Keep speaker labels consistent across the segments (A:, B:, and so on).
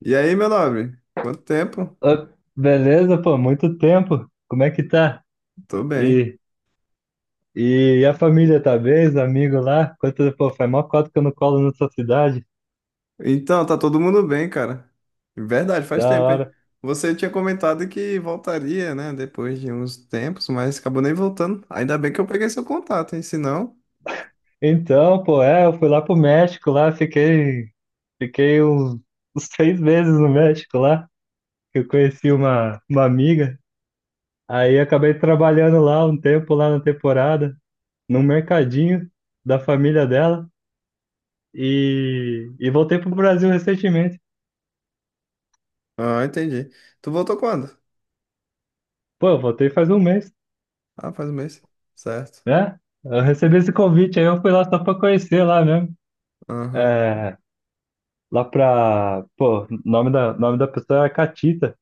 A: E aí, meu nobre? Quanto tempo?
B: Ô, beleza, pô, muito tempo. Como é que tá?
A: Tô bem.
B: E, e a família tá bem? Os amigos lá? Quanto, pô, faz mó cota que eu não colo na sua cidade.
A: Então, tá todo mundo bem, cara. Verdade, faz
B: Da
A: tempo, hein?
B: hora.
A: Você tinha comentado que voltaria, né, depois de uns tempos, mas acabou nem voltando. Ainda bem que eu peguei seu contato, hein? Se não.
B: Então, pô, eu fui lá pro México lá, fiquei uns 6 meses no México lá, que eu conheci uma amiga. Aí acabei trabalhando lá um tempo, lá na temporada, num mercadinho da família dela. E voltei pro Brasil recentemente.
A: Ah, entendi. Tu voltou quando?
B: Pô, eu voltei faz um mês,
A: Ah, faz um mês. Certo.
B: né? Eu recebi esse convite, aí eu fui lá só pra conhecer lá mesmo.
A: Aham.
B: É, lá pra. Pô, nome da pessoa é Catita.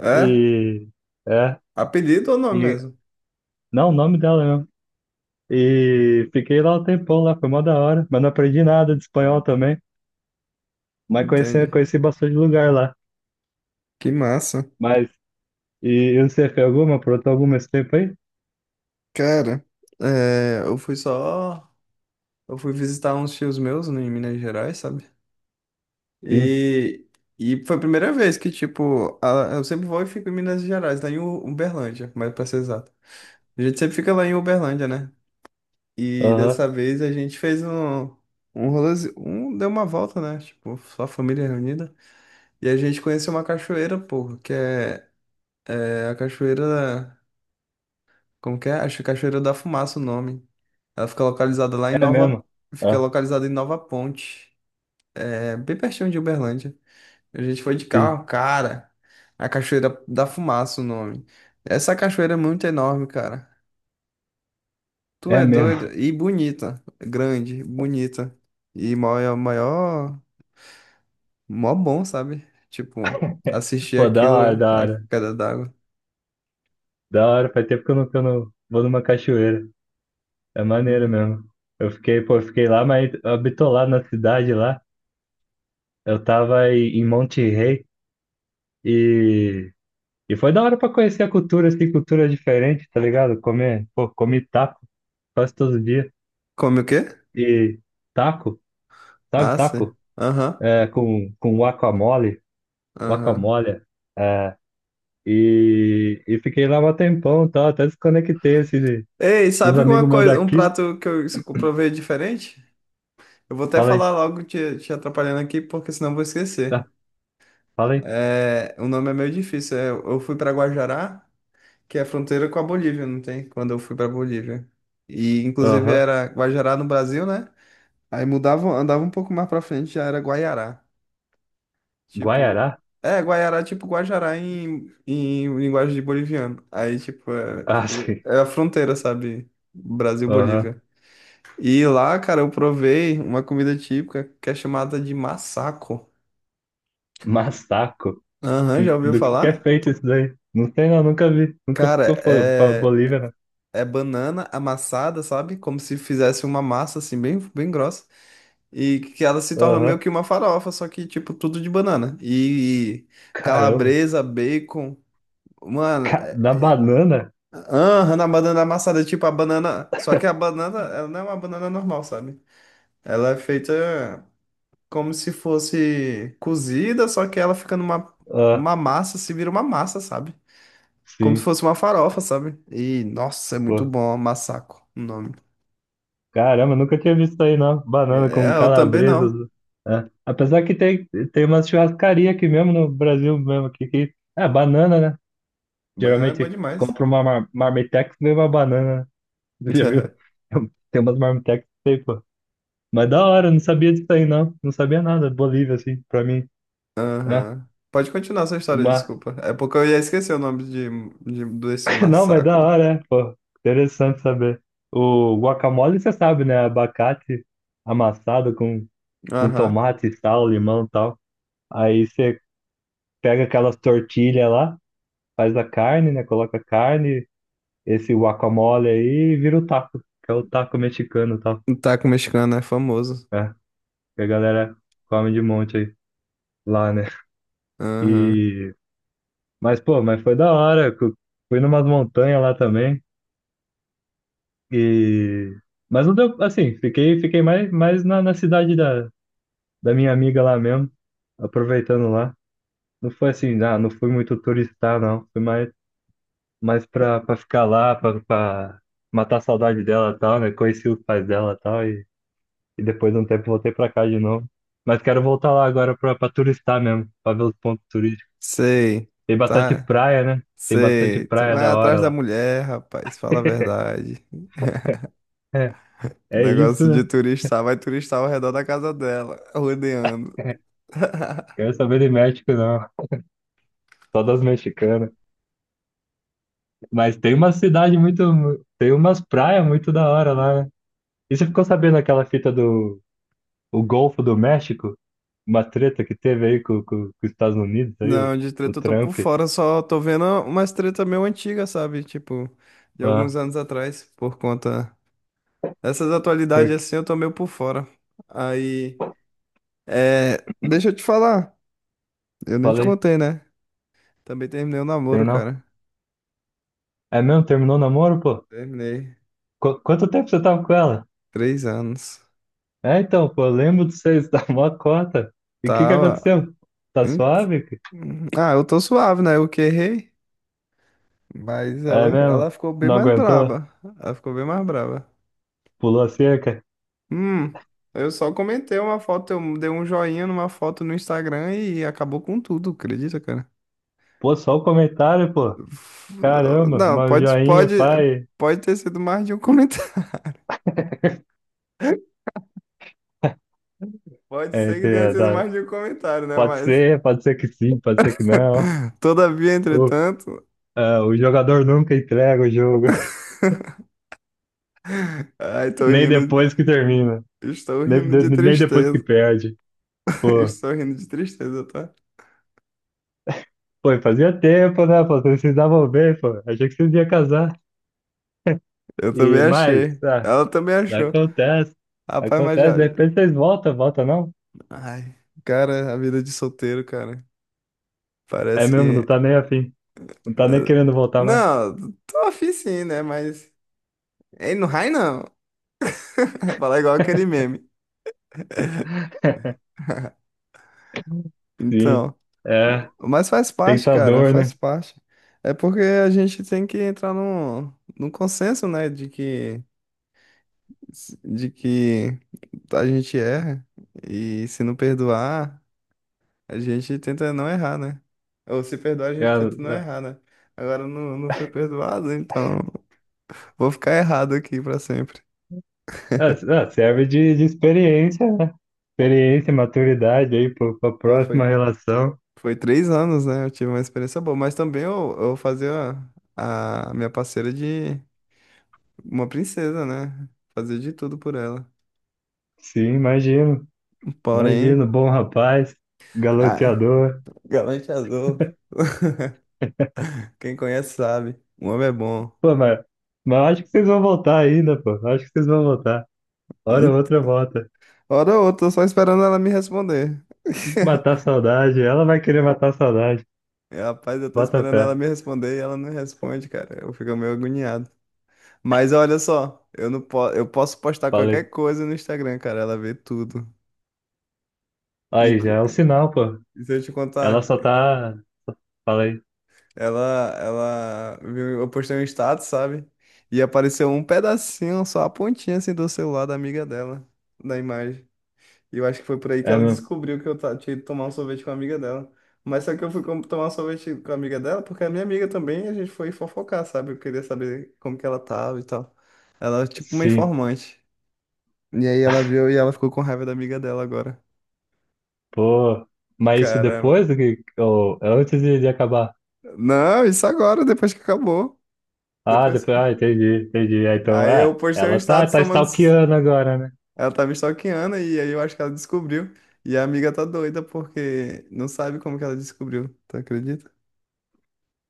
A: É?
B: E. É.
A: Apelido ou nome
B: E,
A: mesmo?
B: não, o nome dela mesmo. E fiquei lá um tempão lá, foi mó da hora. Mas não aprendi nada de espanhol também. Mas conheci,
A: Entendi.
B: conheci bastante lugar lá.
A: Que massa.
B: Mas. E, e você fez alguma? Aprontou alguma esse tempo aí?
A: Cara, é, eu fui só. Eu fui visitar uns tios meus em Minas Gerais, sabe?
B: Sim.
A: E, e foi a primeira vez que, tipo, eu sempre vou e fico em Minas Gerais, lá em Uberlândia, mais pra ser exato. A gente sempre fica lá em Uberlândia, né? E
B: Aham.
A: dessa vez a gente fez um rolê, deu uma volta, né? Tipo, só a família reunida. E a gente conheceu uma cachoeira, porra, que é a cachoeira, como que é? Acho que é Cachoeira da Fumaça o nome. Ela fica localizada lá em
B: É
A: Nova,
B: mesmo.
A: fica
B: Ah,
A: localizada em Nova Ponte, é bem pertinho de Uberlândia. A gente foi de
B: sim.
A: carro, cara. A Cachoeira da Fumaça, o nome. Essa cachoeira é muito enorme, cara. Tu
B: É
A: é
B: mesmo.
A: doido, e bonita. Grande, bonita. E maior, maior, mó bom, sabe? Tipo, assistir
B: Pô, da hora,
A: aquilo,
B: da
A: a
B: hora.
A: queda d'água.
B: Da hora. Faz tempo que eu não vou numa cachoeira. É maneiro
A: Uhum.
B: mesmo. Eu fiquei, pô, eu fiquei lá, mas bitolado na cidade lá. Eu tava em Monte Rei e, e foi da hora pra conhecer a cultura, assim, cultura diferente, tá ligado? Comer, pô, comi taco quase todo dia.
A: Come o quê?
B: E taco, sabe
A: Ah, sim.
B: taco?
A: Aham,
B: É, com guacamole,
A: aham.
B: guacamole. É, e fiquei lá um tempão, tá? Até desconectei, assim,
A: Ei,
B: dos
A: sabe uma
B: amigos meus
A: coisa, um
B: daqui.
A: prato que eu provei diferente? Eu vou até
B: Falei,
A: falar logo te atrapalhando aqui, porque senão eu vou
B: tá,
A: esquecer.
B: falei,
A: É, o nome é meio difícil. É, eu fui para Guajará, que é a fronteira com a Bolívia, não tem? Quando eu fui para Bolívia. E inclusive
B: aham,
A: era Guajará no Brasil, né? Aí mudava, andava um pouco mais para frente, já era Guaiará. Tipo,
B: Guaiará?
A: é, Guaiará, é tipo Guajará em linguagem de boliviano. Aí, tipo, é,
B: Ah, sim,
A: é a fronteira, sabe?
B: aham.
A: Brasil-Bolívia. E lá, cara, eu provei uma comida típica que é chamada de massaco.
B: Massaco,
A: Aham,
B: Que,
A: já ouviu
B: do que é
A: falar?
B: feito isso daí? Não sei não, nunca vi. Nunca ficou
A: Cara,
B: pra
A: é
B: Bolívia, né?
A: é banana amassada, sabe? Como se fizesse uma massa assim bem, bem grossa e que ela se torna meio
B: Aham.
A: que uma farofa, só que tipo tudo de banana. E
B: Caramba.
A: calabresa, bacon, mano,
B: Da banana?
A: aham, na banana amassada, é tipo a banana, só que a banana, ela não é uma banana normal, sabe? Ela é feita como se fosse cozida, só que ela fica numa
B: Ah,
A: uma massa, se vira uma massa, sabe? Como se
B: sim.
A: fosse uma farofa, sabe? E nossa, é muito
B: Pô.
A: bom, massaco, o nome.
B: Caramba, nunca tinha visto isso aí, não. Banana com
A: É, eu também
B: calabresas,
A: não.
B: né? É. Apesar que tem uma churrascaria aqui mesmo no Brasil mesmo, aqui, que é banana, né?
A: Banana é boa
B: Geralmente
A: demais.
B: compra uma marmitex e vem uma banana, né? Já viu? Tem umas marmitex aí, pô. Mas da hora, não sabia disso aí, não. Não sabia nada. Bolívia, assim, pra mim. É,
A: Aham. Pode continuar sua história,
B: mas,
A: desculpa. É porque eu ia esquecer o nome desse
B: não, mas da
A: massacre.
B: hora, né? Pô, interessante saber. O guacamole, você sabe, né? Abacate amassado com,
A: Aham.
B: tomate, sal, limão e tal. Aí você pega aquelas tortilhas lá, faz a carne, né? Coloca a carne, esse guacamole aí e vira o taco, que é o taco mexicano e tal.
A: O Taco mexicano é famoso.
B: É, que a galera come de monte aí lá, né?
A: Aham.
B: E... mas foi da hora. Fui numas montanhas lá também. E... Mas não deu, assim, fiquei mais na cidade da minha amiga lá mesmo, aproveitando lá. Não foi assim, não fui muito turistar, não. Foi mais pra ficar lá, pra matar a saudade dela e tal, né? Conheci os pais dela e tal, e depois de um tempo voltei pra cá de novo. Mas quero voltar lá agora pra turistar mesmo, pra ver os pontos turísticos.
A: Sei.
B: Tem bastante
A: Tá.
B: praia, né? Tem bastante
A: Sei. Tu
B: praia
A: vai
B: da hora
A: atrás da
B: lá.
A: mulher, rapaz. Fala a verdade.
B: É, é isso,
A: Negócio de
B: né?
A: turistar. Vai turistar ao redor da casa dela, rodeando.
B: Quero saber de México, não. Só das mexicanas. Mas tem uma cidade muito. Tem umas praias muito da hora lá, né? E você ficou sabendo aquela fita do o Golfo do México? Uma treta que teve aí com os Estados Unidos, aí, o,
A: Não, de
B: o
A: treta eu tô por
B: Trump.
A: fora, só tô vendo umas treta meio antiga, sabe? Tipo, de alguns
B: Ah,
A: anos atrás, por conta dessas atualidades
B: porque.
A: assim, eu tô meio por fora. Aí, é, deixa eu te falar, eu nem te
B: Falei,
A: contei, né? Também terminei o namoro,
B: tem não.
A: cara.
B: É mesmo? Terminou o namoro, pô?
A: Terminei.
B: Quanto tempo você tava com ela?
A: 3 anos.
B: É, então, pô, eu lembro de vocês, da mó cota. E o que que
A: Tava.
B: aconteceu? Tá
A: Hum,
B: suave?
A: Ah, eu tô suave, né? Eu que errei, mas ela,
B: É
A: ela
B: mesmo?
A: ficou bem
B: Não
A: mais
B: aguentou?
A: braba. Ela ficou bem mais braba.
B: Pulou a cerca?
A: Hum, eu só comentei uma foto, eu dei um joinha numa foto no Instagram e acabou com tudo, acredita, cara?
B: Pô, só o comentário, pô.
A: F-
B: Caramba,
A: Não,
B: uma
A: pode,
B: joinha,
A: pode,
B: pai.
A: pode ter sido mais de um comentário. Pode
B: É,
A: ser que tenha sido mais de um comentário, né? Mas,
B: pode ser que sim, pode ser que não.
A: todavia,
B: O,
A: entretanto,
B: o jogador nunca entrega o jogo,
A: ai, tô
B: nem
A: rindo,
B: depois que termina,
A: estou rindo de
B: nem depois que
A: tristeza.
B: perde. Pô,
A: Estou rindo de tristeza, tá?
B: pô, e fazia tempo, né? Pô, vocês se davam bem, pô. Achei que vocês iam casar.
A: Eu também
B: E mais,
A: achei. Ela também achou.
B: acontece,
A: Rapaz, mas
B: acontece.
A: já.
B: De repente vocês voltam, volta não?
A: Ai, cara, a vida de solteiro, cara.
B: É
A: Parece
B: mesmo, não tá
A: que.
B: nem afim, não tá nem querendo voltar mais.
A: Não, tô afim sim, né? Mas. Ei, no raio não. Falar igual aquele meme.
B: Sim,
A: Então.
B: é
A: Mas faz parte, cara,
B: tentador,
A: faz
B: né?
A: parte. É porque a gente tem que entrar num consenso, né? De que a gente erra. E se não perdoar, a gente tenta não errar, né? Ou se perdoar, a gente tenta não
B: É,
A: errar, né? Agora eu não fui perdoado, então vou ficar errado aqui pra sempre.
B: é, é, serve de experiência, né? Experiência, maturidade aí para a
A: Qual
B: próxima
A: foi?
B: relação.
A: Foi 3 anos, né? Eu tive uma experiência boa. Mas também eu fazia a minha parceira de uma princesa, né? Fazia de tudo por ela.
B: Sim, imagino.
A: Porém.
B: Imagino, bom rapaz,
A: Ah,
B: galanteador.
A: Galante Azul. Quem conhece sabe. O homem é bom.
B: Pô, mas acho que vocês vão voltar ainda, pô. Acho que vocês vão voltar. Hora ou
A: Hum,
B: outra volta.
A: Hora ou outra, eu tô só esperando ela me responder.
B: Matar a saudade. Ela vai querer matar a saudade.
A: E, rapaz, eu tô
B: Bota
A: esperando
B: fé.
A: ela me responder e ela não responde, cara. Eu fico meio agoniado. Mas olha só, eu não po eu posso postar qualquer
B: Falei.
A: coisa no Instagram, cara. Ela vê tudo.
B: Aí já
A: Inclu-
B: é um sinal, pô.
A: e se eu te
B: Ela
A: contar.
B: só tá. Falei.
A: Ela viu, eu postei um status, sabe? E apareceu um pedacinho, só a pontinha assim do celular da amiga dela, da imagem. E eu acho que foi por aí que
B: É
A: ela
B: mesmo.
A: descobriu que eu tinha ido tomar um sorvete com a amiga dela. Mas só que eu fui tomar um sorvete com a amiga dela, porque a minha amiga também, a gente foi fofocar, sabe? Eu queria saber como que ela tava e tal. Ela é tipo uma
B: Sim.
A: informante. E aí ela viu e ela ficou com raiva da amiga dela agora.
B: Pô. Mas isso
A: Caramba.
B: depois do que. Ou é antes de acabar?
A: Não, isso agora, depois que acabou.
B: Ah,
A: Depois.
B: depois, entendi, entendi. Ah, então,
A: Aí eu postei um
B: ela tá,
A: status
B: tá
A: tomando.
B: stalkeando agora, né?
A: Ela tá me stalkeando e aí eu acho que ela descobriu. E a amiga tá doida porque não sabe como que ela descobriu, tu acredita?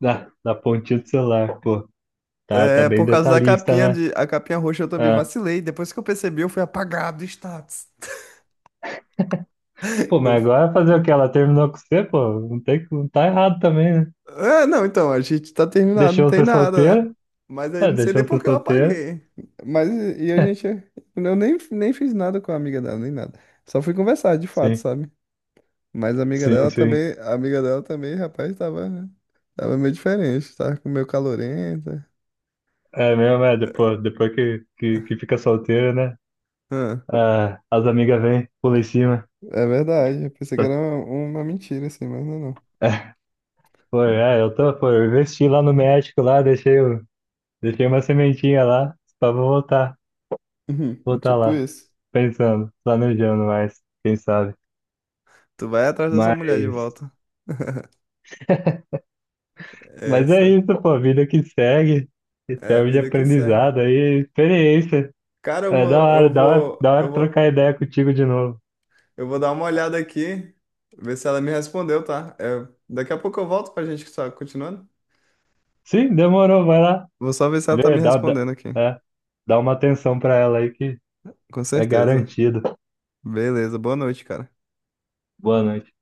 B: Da pontinha do celular, pô. Tá
A: É,
B: bem
A: por causa da
B: detalhista,
A: capinha
B: né?
A: de a capinha roxa eu também
B: Ah.
A: vacilei. Depois que eu percebi, eu fui apagado do status.
B: Pô,
A: Eu,
B: mas agora fazer o quê? Ela terminou com você, pô? Não tem, não tá errado também, né?
A: é, não, então, a gente tá terminado, não
B: Deixou
A: tem
B: você
A: nada, né?
B: solteira?
A: Mas aí
B: É,
A: não sei
B: deixou
A: nem por
B: você
A: que eu
B: solteira?
A: apaguei. Mas e a gente eu nem fiz nada com a amiga dela, nem nada. Só fui conversar, de fato,
B: Sim,
A: sabe? Mas a amiga
B: sim,
A: dela
B: sim.
A: também, a amiga dela também, rapaz, tava, meio diferente, tava com meio calorenta.
B: É mesmo, depois que fica solteira, né?
A: Ah,
B: Ah, as amigas vêm, pula em cima.
A: é verdade, eu pensei que era
B: Tá-
A: uma mentira, assim, mas não é não.
B: Foi, é, eu tô, foi, eu investi lá no México, lá, deixei o. Deixei uma sementinha lá, só vou voltar,
A: Uhum, tipo
B: lá,
A: isso.
B: pensando, planejando mais, quem sabe.
A: Tu vai atrás da sua mulher de
B: Mas,
A: volta.
B: mas é
A: Essa
B: isso, pô, vida que segue, que
A: é a
B: serve de
A: vida que segue.
B: aprendizado aí, experiência.
A: Cara, eu
B: É da
A: vou,
B: hora,
A: eu
B: da hora, da
A: vou, eu
B: hora trocar
A: vou,
B: ideia contigo de novo.
A: eu vou dar uma olhada aqui, ver se ela me respondeu, tá? É, daqui a pouco eu volto pra gente estar continuando.
B: Sim, demorou, vai lá,
A: Vou só ver se ela tá
B: vê,
A: me respondendo aqui.
B: é, dá uma atenção pra ela aí que
A: Com
B: é
A: certeza.
B: garantido.
A: Beleza, boa noite, cara.
B: Boa noite.